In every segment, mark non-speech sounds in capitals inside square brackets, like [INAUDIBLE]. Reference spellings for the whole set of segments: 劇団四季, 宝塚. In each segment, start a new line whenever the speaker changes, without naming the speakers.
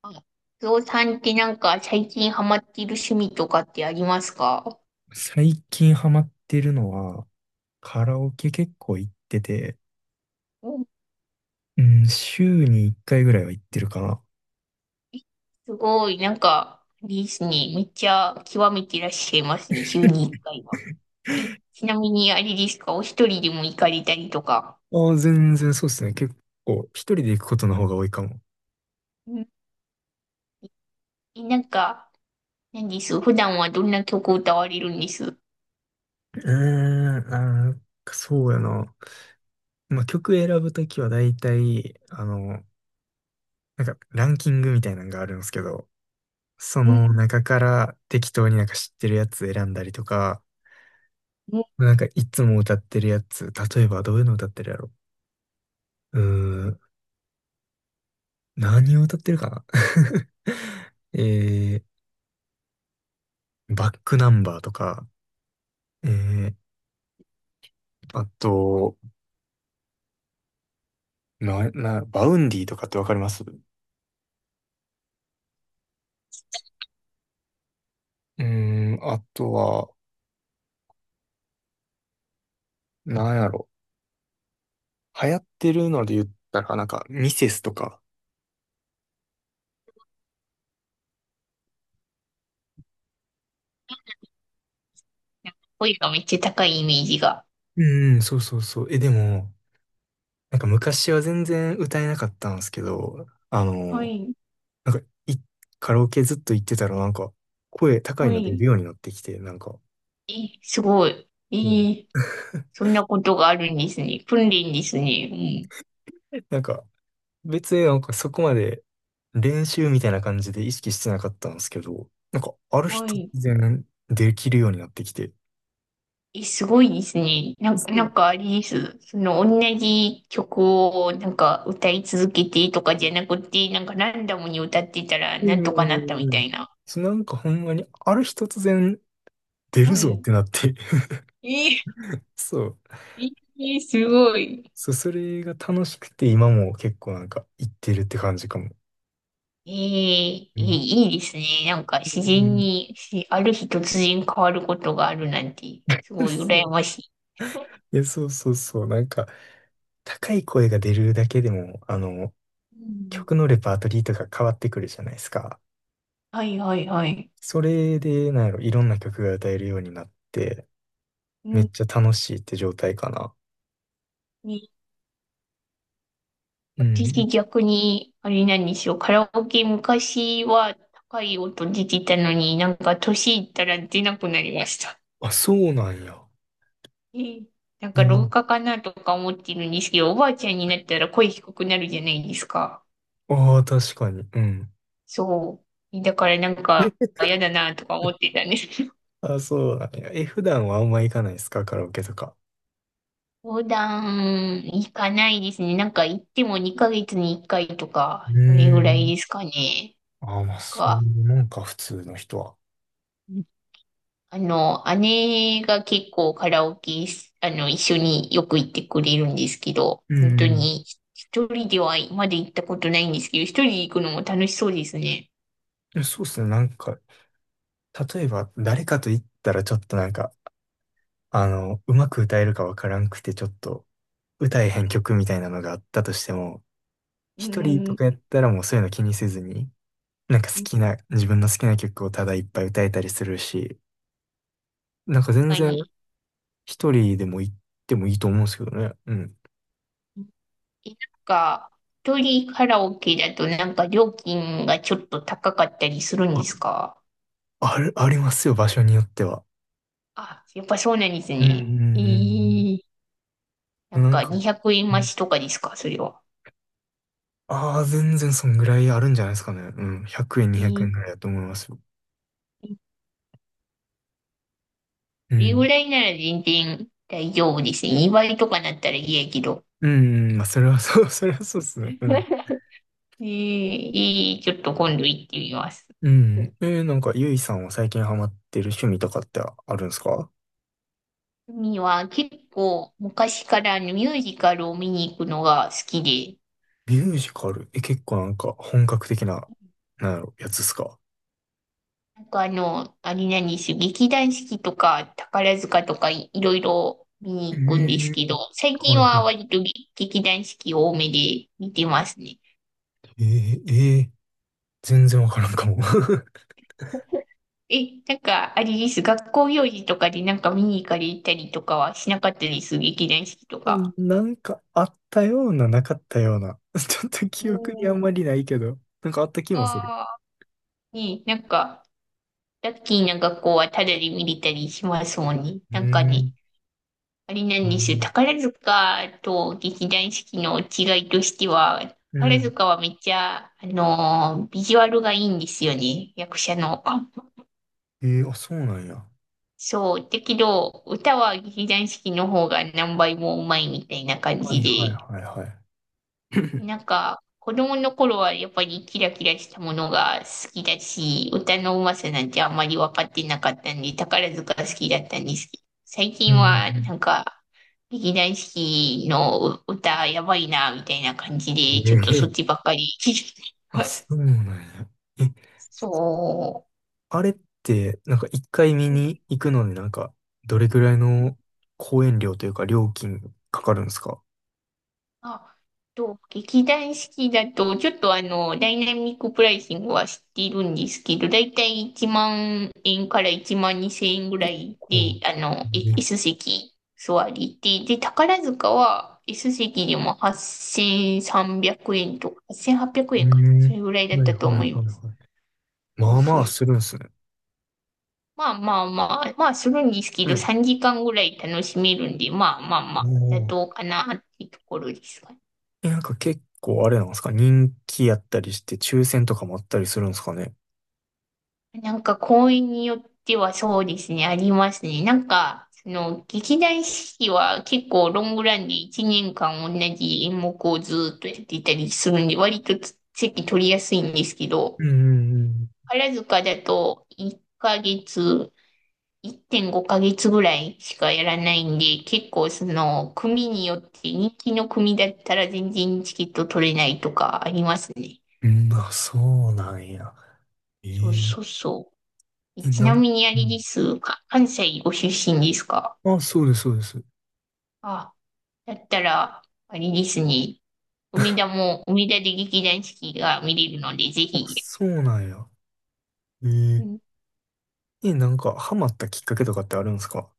あ、ゾさんってなんか最近ハマっている趣味とかってありますか？
最近ハマってるのは、カラオケ結構行ってて、
うん。
うん、週に1回ぐらいは行ってるかな。
えすごい、なんか、あれですね。めっちゃ極めていらっしゃいますね。週に1
[LAUGHS]
回は。え、ちなみにあれですかお一人でも行かれたりとか。
ああ、全然そうですね。結構、一人で行くことの方が多いかも。
うん。え、なんか、何です普段はどんな曲を歌われるんです？
うーん、そうやな。まあ、曲選ぶときは大体、なんかランキングみたいなのがあるんですけど、そ
うん、
の中から適当になんか知ってるやつ選んだりとか、
うん。
なんかいつも歌ってるやつ、例えばどういうの歌ってるやろ。うーん、何を歌ってるかな。 [LAUGHS] えバックナンバーとか、えー、あと、バウンディとかってわかります？うーん、あとは、なんやろ。流行ってるので言ったら、なんか、ミセスとか。
なんか声がめっちゃ高いイメージが。
うん、そうそうそう。え、でも、なんか昔は全然歌えなかったんですけど、
はい、
なんか、カラオケずっと行ってたら、なんか、声高い
は
の出る
い。
ようになってきて、なんか、
え、すごい。
うん。
そんなことがあるんですね。訓練ですね。
[LAUGHS] なんか、別になんかそこまで練習みたいな感じで意識してなかったんですけど、なんかある日
は
突
い。
然できるようになってきて、
え、すごいですね。なん
そ
かあれです。その、同じ曲をなんか歌い続けてとかじゃなくて、なんかランダムに歌ってたら
う
なんとかなったみ
んう
たい
ん。
な。
そう、なんかほんまにある日突然出る
は
ぞっ
い。
てなって、
えー、
[LAUGHS] そう。
すごい。
そう、それが楽しくて今も結構なんか行ってるって感じかも。
い
うん。
いいいですね。なんか自然
う
に、ある日突然変わることがあるなんて、す
ん。
ごい
そ
羨
う。
ましい。
いや、そうそうそう。なんか高い声が出るだけでも、
うん。
曲のレパートリーとか変わってくるじゃないですか。
はいはいはい。
それで、なんやろ、いろんな曲が歌えるようになって、
う
め
ん、
っちゃ楽しいって状態かな。
ね、
う
私
ん。
逆に、あれなんですよ。カラオケ昔は高い音出てたのになんか年いったら出なくなりました。
あ、そうなんや。
えーなん
う
か老
ん。
化かなとか思ってるんですけど、おばあちゃんになったら声低くなるじゃないですか。
ああ、確かに。うん。
そう。だからなんか嫌だなとか思って
[LAUGHS]
たんです。[LAUGHS]
あ、そうなんや。え、普段はあんま行かないですかカラオケとか？
横断行かないですね。なんか行っても2ヶ月に1回と
う
か、
ー
それぐらいで
ん。
すかね。
ああ、まあ、
なん
そうい
か、
うもんか、普通の人は。
姉が結構カラオケし、あの、一緒によく行ってくれるんですけど、
う
本当
ん。
に一人ではまだ行ったことないんですけど、一人で行くのも楽しそうですね。
いやそうっすね。なんか、例えば、誰かと言ったらちょっとなんか、うまく歌えるかわからんくて、ちょっと、歌えへん曲みたいなのがあったとしても、
う
一人と
ん、
かやったらもうそういうの気にせずに、なんか好きな、自分の好きな曲をただいっぱい歌えたりするし、なんか
確
全
か
然
に。
一人でも行ってもいいと思うんですけどね。うん。
なんか、一人カラオケだとなんか料金がちょっと高かったりするんです
あ、
か？
ありますよ、場所によっては。
あ、やっぱそうなんです
うんう
ね。
んうん
な
うん。
ん
なん
か
か、
200円増しとかですかそれは？
全然そんぐらいあるんじゃないですかね。うん。100円、
え
200
ー
円ぐらいだと思いますよ。う
これぐ
ん。
らいなら全然大丈夫ですね。2倍とかなったら嫌やけど。
うん、うんまあ、それはそう、[LAUGHS] それはそうですね。うん。
[LAUGHS] えー、ちょっと今度行ってみます。
うん。なんか、ゆいさんは最近ハマってる趣味とかってあるんですか？
海は結構昔からあのミュージカルを見に行くのが好きで、
ミュージカル、え、結構なんか本格的な、なんやろ、やつっすか？
なんかあれなんですよ、劇団四季とか宝塚とかいろいろ見
え
に行くんです
え、
けど、最
は
近
いは
は
い。
割と劇団四季多めで見てますね。
えー、えー、全然わからんかも。[LAUGHS]
え、なんか、あれです。学校行事とかでなんか見に行かれたりとかはしなかったです？劇団四季と
あ、
か。
なんかあったような、なかったような。[LAUGHS] ちょっと
う
記憶にあん
ん、
まりないけど、なんかあった気もする。
ああ、ね、なんか、ラッキーな学校はタダで見れたりしますもんね。
うー
なんか
ん。
ね、あれな
う
んですよ。
ん。
宝塚と劇団四季の違いとしては、
う
宝
ん。
塚はめっちゃ、ビジュアルがいいんですよね。役者の。
あ、そうなんや。
そう。だけど、歌は劇団四季の方が何倍もうまいみたいな感
は
じ
いはい
で。
はいはい。[LAUGHS]
なんか、子供の頃はやっぱりキラキラしたものが好きだし、歌のうまさなんてあんまり分かってなかったんで、宝塚好きだったんですけど、最
う
近
ん。
はなんか、劇団四季の歌やばいな、みたいな感じ
え
で、ちょっとそっ
ー、
ちばっかり聞いて
あ、
ま
そ
す。
うなんや。え、
そ
あれって、なんか一回見に行くので、なんか、どれぐらい
う。
の公演料というか料金かかるんですか？
あ、劇団四季だと、ちょっとダイナミックプライシングは知っているんですけど、だいたい1万円から1万2千円ぐら
結
い
構。
で、
ね。
S 席座りで、で、宝塚は S 席でも8300円とか、8800
う
円かな。そ
ん。
れぐらいだっ
はい
た
は
と
い
思い
は
ま
い
す。
はい。
そ
ま
う
あ
そ
ま
う
あす
そう。
るんですね。
まあまあまあ、まあするんですけ
う
ど、
ん。
3時間ぐらい楽しめるんで、まあまあ
お
まあ、妥
お。
当かなっていうところですかね？
え、なんか結構あれなんですか人気やったりして、抽選とかもあったりするんですかね？
なんか公演によってはそうですね、ありますね。なんか、その、劇団四季は結構ロングランで1年間同じ演目をずっとやっていたりするんで、割と席取りやすいんですけど、
うんうん
宝塚だと1ヶ月、1.5ヶ月ぐらいしかやらないんで、結構その、組によって人気の組だったら全然チケット取れないとかありますね。
うん。うん、あ、そうなんや。え。
そう
え
そうそう。
え、
ちなみにあ
う
れ
ん。
ですか、関西ご出身ですか？
あ、そうです、そうです。
あ、だったら、あれですね、梅田で劇団四季が見れるので、ぜ
あ、
ひ。
そうなんや。え。
う
え
ん。
え、なんか、ハマったきっかけとかってあるんですか？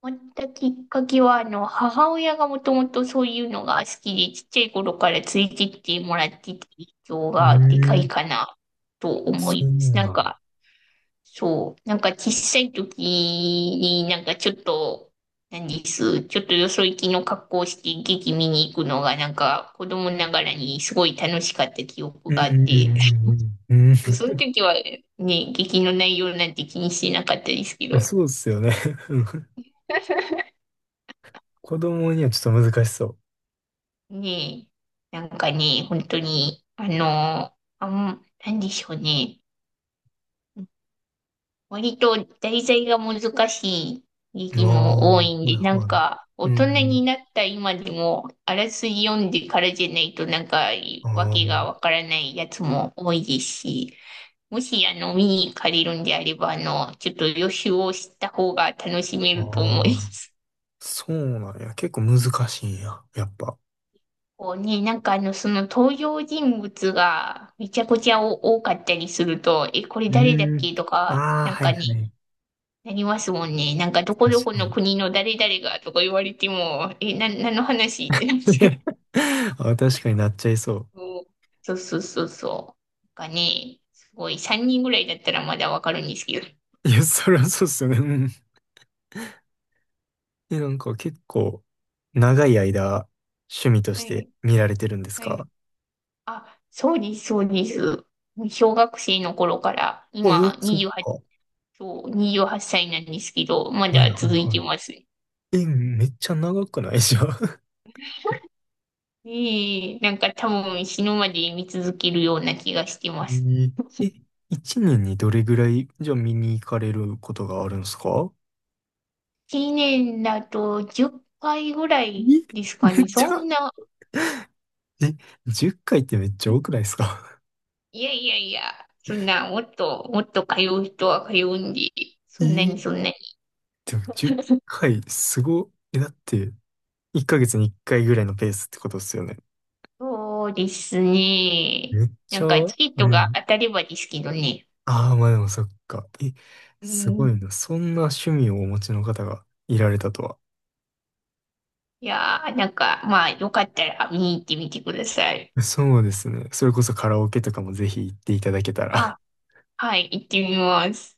終わったきっかけは、母親がもともとそういうのが好きで、ちっちゃい頃からついてってもらってた影響
う
がでか
ー
い
ん。
かなと思
そう
います。な
な
ん
ん。
か、そう。なんか小さい時になんかちょっと、なんです。ちょっとよそ行きの格好をして劇見に行くのがなんか子供ながらにすごい楽しかった記憶
うんう
があっ
ん
て、
うんうん。うん。
[LAUGHS] その時はね、劇の内容なんて気にしてなかったですけ
[LAUGHS]
ど、
そうっすよね。[LAUGHS]
[LAUGHS]
子供にはちょっと難しそ。
ねえ、なんかね、本当に、なんでしょうね。割と題材が難しい時
う。あ
期も
あ、
多
は
いん
い
で、なん
はい。
か、
う
大
んう
人に
ん。
なった今でも、あらすじ読んでからじゃないと、なんか、わけがわ
あ
からないやつも多いですし、もし、見に行かれるんであれば、ちょっと予習をした方が楽しめ
あ、
ると思
あ
い
あ。
ます。
そうなんや。結構難しいんや。やっぱ。
[LAUGHS] こうね、なんかその登場人物がめちゃくちゃ多かったりすると、え、これ
う
誰だっ
ーん。
けとか、
ああ、
なん
はい
かね、
はい。
なりますもんね。なんか、どこ
確
どこ
か
の
に。
国の誰々がとか言われても、え、何の話ってなっちゃう。
[LAUGHS] あ、確かになっちゃいそ
そうそうそうそうそう。なんかね、すごい、3人ぐらいだったらまだわかるんですけど。
う。いや、そりゃそうっすよね。うん。え、なんか結構長い間趣味と
は
して
い、
見られてるんです
はい。
か？
あ、そうです、そうです。小学生の頃から、
あ、え
今、
そう
28、
か。は
そう28歳なんですけど、ま
いはい
だ続い
は
て
い。
ます。
え、めっちゃ長くない [LAUGHS] じゃん？
ええ、なんか多分死ぬまで見続けるような気がしてます。
[LAUGHS] ええ、一年にどれぐらいじゃあ見に行かれることがあるんですか？
1年だと10回ぐら
え、
いです
め
かね。
っち
そ
ゃ。
んな、
え、10回っかいってめっちゃ多くないですか？
いやいやいや、そんな、もっと通う人は通うんで、そんなにそ
[LAUGHS] え、
んなに。
でも10
[LAUGHS]
回すご。え、だって1ヶ月に1回ぐらいのペースってことですよね。
そうですね。
めっ
な
ちゃ、
んか、
う
チケットが
ん。
当たればですけどね。
ああ、まあでもそっか。え、
う
すご
ん。
いな。そんな趣味をお持ちの方がいられたとは。
いやー、なんか、まあ、よかったら見に行ってみてください。
そうですね。それこそカラオケとかもぜひ行っていただけたら。
あ、はい、行ってみます。